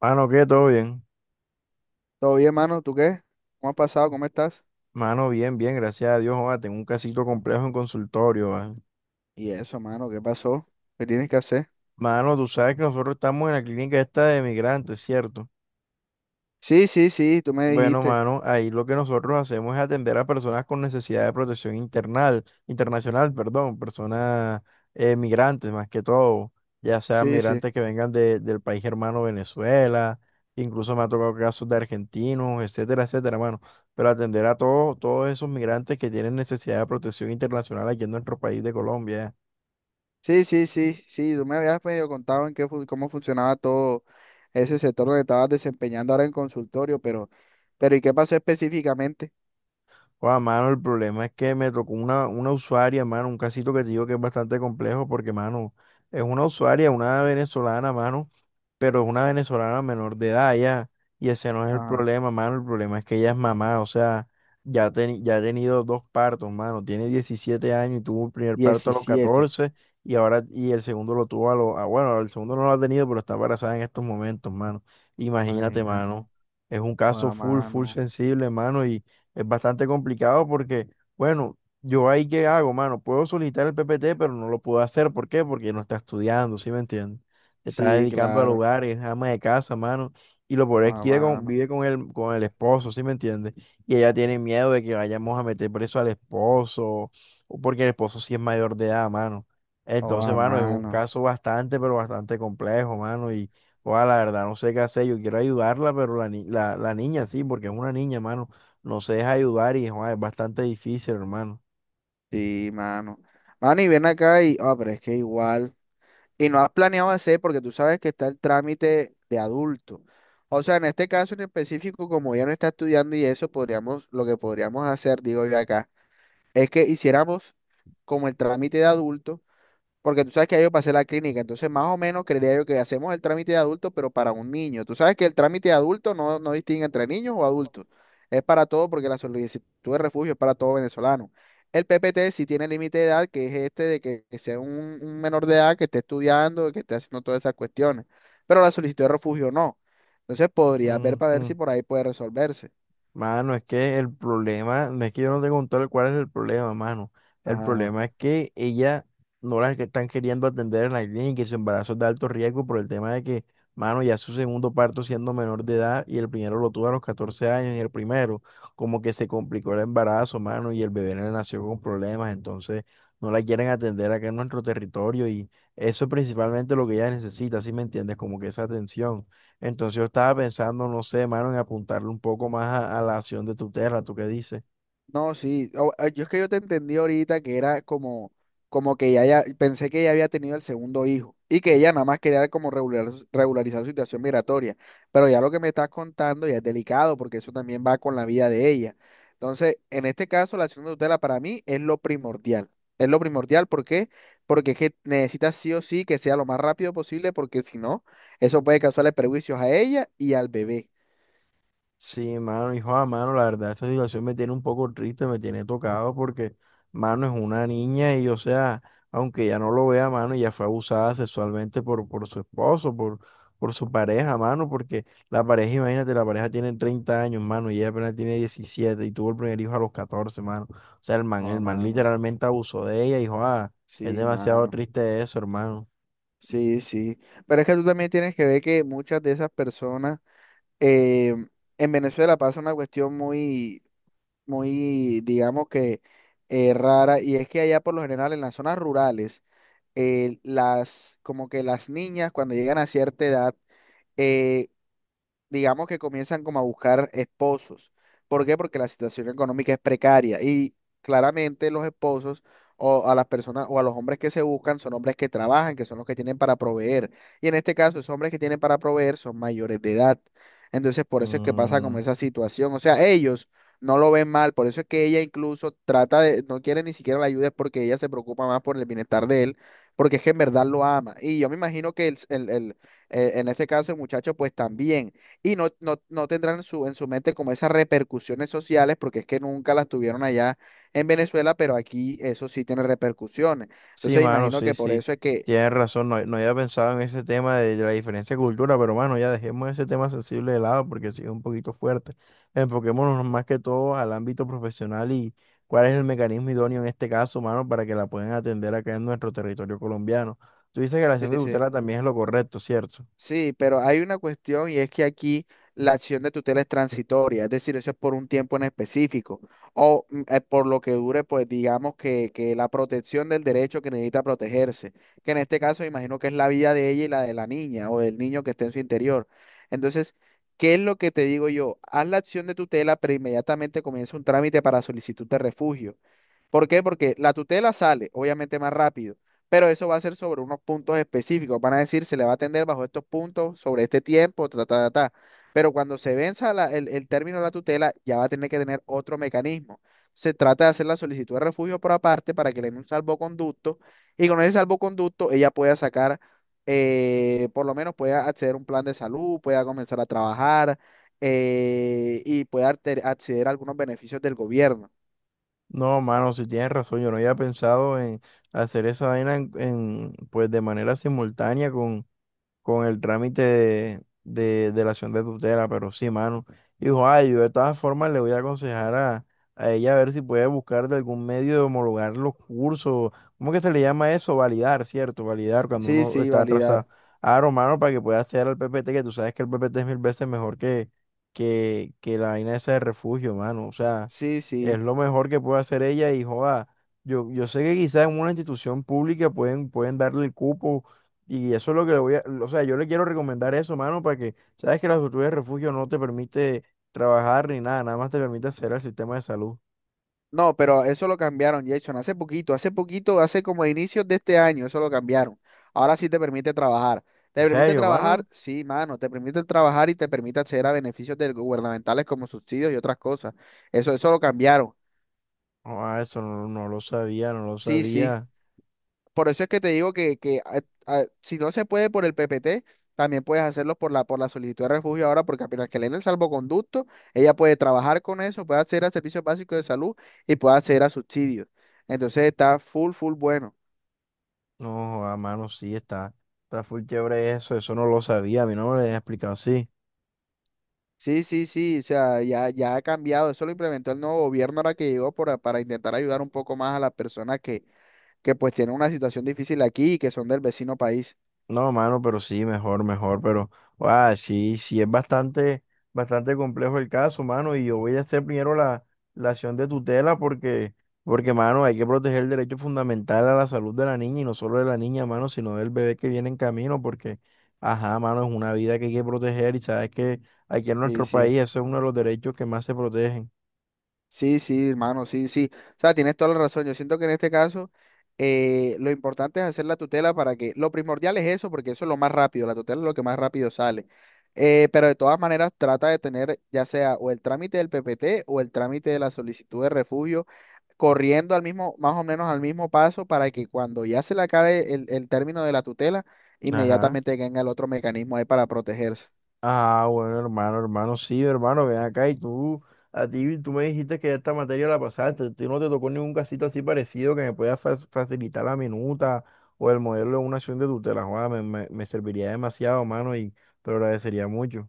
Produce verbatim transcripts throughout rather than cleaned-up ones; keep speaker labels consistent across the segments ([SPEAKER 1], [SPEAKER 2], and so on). [SPEAKER 1] Mano, ¿qué? ¿Todo bien?
[SPEAKER 2] Todo bien, mano, ¿tú qué? ¿Cómo has pasado? ¿Cómo estás?
[SPEAKER 1] Mano, bien, bien, gracias a Dios, joda, tengo un casito complejo en consultorio, ¿vale?
[SPEAKER 2] Y eso, mano, ¿qué pasó? ¿Qué tienes que hacer?
[SPEAKER 1] Mano, tú sabes que nosotros estamos en la clínica esta de migrantes, ¿cierto?
[SPEAKER 2] Sí, sí, sí, tú me
[SPEAKER 1] Bueno,
[SPEAKER 2] dijiste.
[SPEAKER 1] mano, ahí lo que nosotros hacemos es atender a personas con necesidad de protección internal, internacional, perdón, personas eh, migrantes más que todo, ya sea
[SPEAKER 2] Sí, sí.
[SPEAKER 1] migrantes que vengan de- del país hermano Venezuela, incluso me ha tocado casos de argentinos, etcétera, etcétera, mano. Pero atender a todos, todos esos migrantes que tienen necesidad de protección internacional aquí en nuestro país de Colombia.
[SPEAKER 2] Sí, sí, sí, sí, tú me habías medio contado en qué, fu- cómo funcionaba todo ese sector donde estabas desempeñando ahora en consultorio, pero, pero ¿y qué pasó específicamente?
[SPEAKER 1] Guau, mano, el problema es que me tocó una, una usuaria, mano, un casito que te digo que es bastante complejo porque, mano, es una usuaria, una venezolana, mano, pero es una venezolana menor de edad ya, y ese no es el
[SPEAKER 2] Ajá.
[SPEAKER 1] problema, mano, el problema es que ella es mamá, o sea, ya, teni- ya ha tenido dos partos, mano, tiene diecisiete años y tuvo el primer parto a los
[SPEAKER 2] Diecisiete.
[SPEAKER 1] catorce y ahora, y el segundo lo tuvo a los, ah, bueno, el segundo no lo ha tenido, pero está embarazada en estos momentos, mano, imagínate,
[SPEAKER 2] Imagínate.
[SPEAKER 1] mano, es un
[SPEAKER 2] O
[SPEAKER 1] caso
[SPEAKER 2] a
[SPEAKER 1] full, full
[SPEAKER 2] mano.
[SPEAKER 1] sensible, mano, es bastante complicado porque, bueno, yo ahí qué hago, mano, puedo solicitar el P P T, pero no lo puedo hacer. ¿Por qué? Porque no está estudiando, ¿sí me entiendes? Se está
[SPEAKER 2] Sí,
[SPEAKER 1] dedicando al
[SPEAKER 2] claro.
[SPEAKER 1] hogar, es ama de casa, mano. Y lo peor
[SPEAKER 2] O
[SPEAKER 1] es
[SPEAKER 2] a
[SPEAKER 1] que vive con,
[SPEAKER 2] mano.
[SPEAKER 1] vive con el, con el esposo, ¿sí me entiendes? Y ella tiene miedo de que vayamos a meter preso al esposo, o porque el esposo sí es mayor de edad, mano.
[SPEAKER 2] O
[SPEAKER 1] Entonces,
[SPEAKER 2] a
[SPEAKER 1] mano, es un
[SPEAKER 2] mano.
[SPEAKER 1] caso bastante, pero bastante complejo, mano. Y ojalá, la verdad, no sé qué hacer. Yo quiero ayudarla, pero la, ni- la, la niña sí, porque es una niña, mano, no se deja ayudar y joder, es bastante difícil, hermano.
[SPEAKER 2] Sí, mano. Mano, y ven acá y, ah, pero es que igual. Y no has planeado hacer porque tú sabes que está el trámite de adulto. O sea, en este caso en específico, como ya no está estudiando y eso, podríamos, lo que podríamos hacer, digo yo acá, es que hiciéramos como el trámite de adulto, porque tú sabes que ya yo pasé la clínica, entonces más o menos creería yo que hacemos el trámite de adulto, pero para un niño. Tú sabes que el trámite de adulto no, no distingue entre niños o adultos. Es para todo porque la solicitud de refugio es para todo venezolano. El P P T sí tiene límite de edad, que es este de que, que sea un, un menor de edad que esté estudiando, que esté haciendo todas esas cuestiones, pero la solicitud de refugio no. Entonces podría ver para ver
[SPEAKER 1] Ujú.
[SPEAKER 2] si por ahí puede resolverse.
[SPEAKER 1] Mano, es que el problema, no es que yo no te conté cuál es el problema, mano. El
[SPEAKER 2] Ajá.
[SPEAKER 1] problema es que ella no las que están queriendo atender en la clínica y su embarazo es de alto riesgo por el tema de que, mano, ya su segundo parto siendo menor de edad y el primero lo tuvo a los catorce años y el primero como que se complicó el embarazo, mano, y el bebé le nació con problemas, entonces no la quieren atender acá en nuestro territorio y eso es principalmente lo que ella necesita, ¿si me entiendes? Como que esa atención. Entonces yo estaba pensando, no sé, mano, en apuntarle un poco más a, a, la acción de tu tierra, ¿tú qué dices?
[SPEAKER 2] No, sí. o- o- Yo es que yo te entendí ahorita que era como, como que ya, ya pensé que ella había tenido el segundo hijo y que ella nada más quería como regular, regularizar su situación migratoria. Pero ya lo que me estás contando ya es delicado porque eso también va con la vida de ella. Entonces, en este caso, la acción de tutela para mí es lo primordial. Es lo primordial, ¿por qué? Porque es que necesitas sí o sí que sea lo más rápido posible porque si no, eso puede causarle perjuicios a ella y al bebé.
[SPEAKER 1] Sí, mano, hijo, ah, mano, la verdad, esta situación me tiene un poco triste, me tiene tocado porque, mano, es una niña y, o sea, aunque ya no lo vea, mano, ya fue abusada sexualmente por, por su esposo, por, por su pareja, mano, porque la pareja, imagínate, la pareja tiene treinta años, mano, y ella apenas tiene diecisiete y tuvo el primer hijo a los catorce, mano. O sea, el man, el
[SPEAKER 2] Oh,
[SPEAKER 1] man
[SPEAKER 2] mano.
[SPEAKER 1] literalmente abusó de ella, hijo, ah, es
[SPEAKER 2] Sí,
[SPEAKER 1] demasiado
[SPEAKER 2] mano.
[SPEAKER 1] triste eso, hermano.
[SPEAKER 2] Sí, sí. Pero es que tú también tienes que ver que muchas de esas personas eh, en Venezuela pasa una cuestión muy, muy, digamos que eh, rara, y es que allá por lo general en las zonas rurales, eh, las, como que las niñas cuando llegan a cierta edad, eh, digamos que comienzan como a buscar esposos. ¿Por qué? Porque la situación económica es precaria y claramente los esposos o a las personas o a los hombres que se buscan son hombres que trabajan, que son los que tienen para proveer. Y en este caso, esos hombres que tienen para proveer son mayores de edad. Entonces, por eso es que pasa como
[SPEAKER 1] Mm,
[SPEAKER 2] esa situación. O sea, ellos no lo ven mal, por eso es que ella incluso trata de, no quiere ni siquiera la ayuda, es porque ella se preocupa más por el bienestar de él, porque es que en verdad lo ama. Y yo me imagino que el, el, el- eh, en este caso el muchacho pues también y no, no, no tendrán en su, en su mente como esas repercusiones sociales, porque es que nunca las tuvieron allá en Venezuela, pero aquí eso sí tiene repercusiones.
[SPEAKER 1] sí,
[SPEAKER 2] Entonces
[SPEAKER 1] mano,
[SPEAKER 2] imagino
[SPEAKER 1] sí,
[SPEAKER 2] que por
[SPEAKER 1] sí.
[SPEAKER 2] eso es que...
[SPEAKER 1] Tienes razón, no, no había pensado en ese tema de la diferencia de cultura, pero mano, ya dejemos ese tema sensible de lado porque sí es un poquito fuerte. Enfoquémonos más que todo al ámbito profesional y cuál es el mecanismo idóneo en este caso, mano, para que la puedan atender acá en nuestro territorio colombiano. Tú dices que la
[SPEAKER 2] Sí,
[SPEAKER 1] acción de
[SPEAKER 2] sí.
[SPEAKER 1] tutela también es lo correcto, ¿cierto?
[SPEAKER 2] Sí, pero hay una cuestión y es que aquí la acción de tutela es transitoria, es decir, eso es por un tiempo en específico o mm, eh, por lo que dure, pues digamos que, que la protección del derecho que necesita protegerse, que en este caso imagino que es la vida de ella y la de la niña o del niño que esté en su interior. Entonces, ¿qué es lo que te digo yo? Haz la acción de tutela, pero inmediatamente comienza un trámite para solicitud de refugio. ¿Por qué? Porque la tutela sale, obviamente, más rápido, pero eso va a ser sobre unos puntos específicos. Van a decir, se le va a atender bajo estos puntos, sobre este tiempo, ta, ta, ta, ta. Pero cuando se venza la- el, el término de la tutela, ya va a tener que tener otro mecanismo. Se trata de hacer la solicitud de refugio por aparte para que le den un salvoconducto y con ese salvoconducto ella pueda sacar, eh, por lo menos pueda acceder a un plan de salud, pueda comenzar a trabajar eh, y pueda arte- acceder a algunos beneficios del gobierno.
[SPEAKER 1] No, mano, si tienes razón, yo no había pensado en hacer esa vaina en, en, pues de manera simultánea con el trámite de, de, de la acción de tutela, pero sí, mano. Dijo, ay, yo de todas formas le voy a aconsejar a, a ella a ver si puede buscar de algún medio de homologar los cursos. ¿Cómo que se le llama eso? Validar, ¿cierto? Validar cuando
[SPEAKER 2] Sí,
[SPEAKER 1] uno
[SPEAKER 2] sí,
[SPEAKER 1] está
[SPEAKER 2] validar.
[SPEAKER 1] atrasado. Ah, Romano, para que pueda hacer al P P T, que tú sabes que el P P T es mil veces mejor que, que, que la vaina esa de refugio, mano. O sea,
[SPEAKER 2] Sí,
[SPEAKER 1] es
[SPEAKER 2] sí.
[SPEAKER 1] lo mejor que puede hacer ella y joda. Yo, yo sé que quizás en una institución pública pueden, pueden darle el cupo y eso es lo que le voy a, o sea, yo le quiero recomendar eso, mano, para que, sabes que la solicitud de refugio no te permite trabajar ni nada, nada más te permite hacer el sistema de salud.
[SPEAKER 2] No, pero eso lo cambiaron, Jason, hace poquito, hace poquito, hace como a inicios de este año, eso lo cambiaron. Ahora sí te permite trabajar. ¿Te
[SPEAKER 1] ¿En
[SPEAKER 2] permite
[SPEAKER 1] serio, mano?
[SPEAKER 2] trabajar? Sí, mano, te permite trabajar y te permite acceder a beneficios del- gubernamentales como subsidios y otras cosas. Eso, eso lo cambiaron.
[SPEAKER 1] No, ah, eso no, no lo sabía, no lo
[SPEAKER 2] Sí, sí.
[SPEAKER 1] sabía.
[SPEAKER 2] Por eso es que te digo que, que a- a- si no se puede por el P P T, también puedes hacerlo por la, por la solicitud de refugio ahora, porque apenas que le den el salvoconducto, ella puede trabajar con eso, puede acceder a servicios básicos de salud y puede acceder a subsidios. Entonces está full, full bueno.
[SPEAKER 1] No, a mano, sí, está, está full chévere eso. Eso no lo sabía, a mí no me lo habían explicado así.
[SPEAKER 2] Sí, sí, sí, o sea, ya, ya ha cambiado. Eso lo implementó el nuevo gobierno ahora que llegó para, para intentar ayudar un poco más a las personas que, que pues tienen una situación difícil aquí y que son del vecino país.
[SPEAKER 1] No, mano, pero sí, mejor, mejor, pero ah, sí, sí, es bastante, bastante complejo el caso, mano, y yo voy a hacer primero la, la acción de tutela porque, porque, mano, hay que proteger el derecho fundamental a la salud de la niña y no solo de la niña, mano, sino del bebé que viene en camino, porque ajá, mano, es una vida que hay que proteger y sabes que aquí en
[SPEAKER 2] Sí,
[SPEAKER 1] nuestro
[SPEAKER 2] sí.
[SPEAKER 1] país ese es uno de los derechos que más se protegen.
[SPEAKER 2] Sí, sí, hermano, sí, sí. O sea, tienes toda la razón. Yo siento que en este caso eh, lo importante es hacer la tutela para que, lo primordial es eso, porque eso es lo más rápido, la tutela es lo que más rápido sale. Eh, pero de todas maneras trata de tener ya sea o el trámite del P P T o el trámite de la solicitud de refugio corriendo al mismo, más o menos al mismo paso para que cuando ya se le acabe el, el término de la tutela,
[SPEAKER 1] Ajá.
[SPEAKER 2] inmediatamente venga el otro mecanismo ahí para protegerse.
[SPEAKER 1] Ah, bueno, hermano, hermano, sí, hermano, ven acá y tú, a ti, tú me dijiste que esta materia la pasaste, a ti no te tocó ningún casito así parecido que me pueda fa- facilitar la minuta o el modelo de una acción de tutela, joda, me, me, me serviría demasiado, hermano, y te lo agradecería mucho.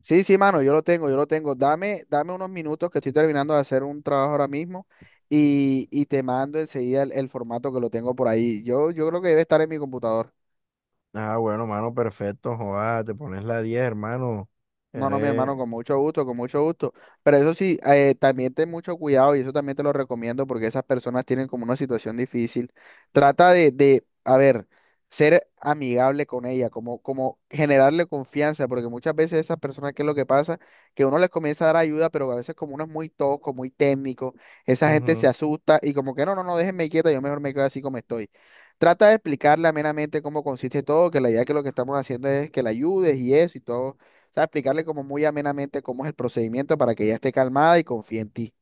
[SPEAKER 2] Sí, sí, mano, yo lo tengo, yo lo tengo. Dame, dame unos minutos que estoy terminando de hacer un trabajo ahora mismo y, y te mando enseguida el, el formato que lo tengo por ahí. Yo, yo creo que debe estar en mi computador.
[SPEAKER 1] Ah, bueno, hermano, perfecto, joda, te pones la diez, hermano,
[SPEAKER 2] No, no, mi hermano,
[SPEAKER 1] eres...
[SPEAKER 2] con mucho gusto, con mucho gusto. Pero eso sí, eh, también ten mucho cuidado y eso también te lo recomiendo porque esas personas tienen como una situación difícil. Trata de, de, a ver, ser amigable con ella, como, como generarle confianza, porque muchas veces esas personas, ¿qué es lo que pasa? Que uno les comienza a dar ayuda, pero a veces como uno es muy tosco, muy técnico, esa gente se
[SPEAKER 1] Ujú.
[SPEAKER 2] asusta y como que no, no, no, déjenme quieta, yo mejor me quedo así como estoy. Trata de explicarle amenamente cómo consiste todo, que la idea que lo que estamos haciendo es que la ayudes y eso y todo sea, explicarle como muy amenamente cómo es el procedimiento para que ella esté calmada y confíe en ti.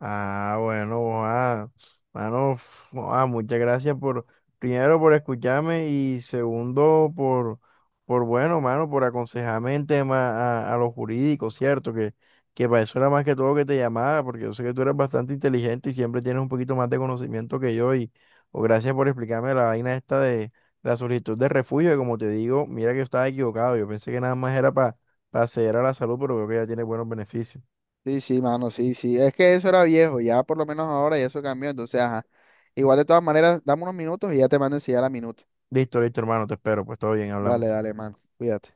[SPEAKER 1] Ah, bueno, ah, mano, f- ah, muchas gracias por, primero por escucharme y segundo por, por bueno, mano, por aconsejarme en tema a, a, lo jurídico, ¿cierto? Que, que para eso era más que todo que te llamaba, porque yo sé que tú eres bastante inteligente y siempre tienes un poquito más de conocimiento que yo, y, o gracias por explicarme la vaina esta de la solicitud de refugio, que como te digo, mira que yo estaba equivocado, yo pensé que nada más era para acceder a la salud, pero veo que ya tiene buenos beneficios.
[SPEAKER 2] Sí, sí, mano, sí, sí. Es que eso era viejo, ya por lo menos ahora ya eso cambió. Entonces, ajá. Igual de todas maneras, dame unos minutos y ya te mando a enseñar la minuta.
[SPEAKER 1] Listo, listo, hermano, te espero, pues todo bien,
[SPEAKER 2] Dale,
[SPEAKER 1] hablamos.
[SPEAKER 2] dale, mano. Cuídate.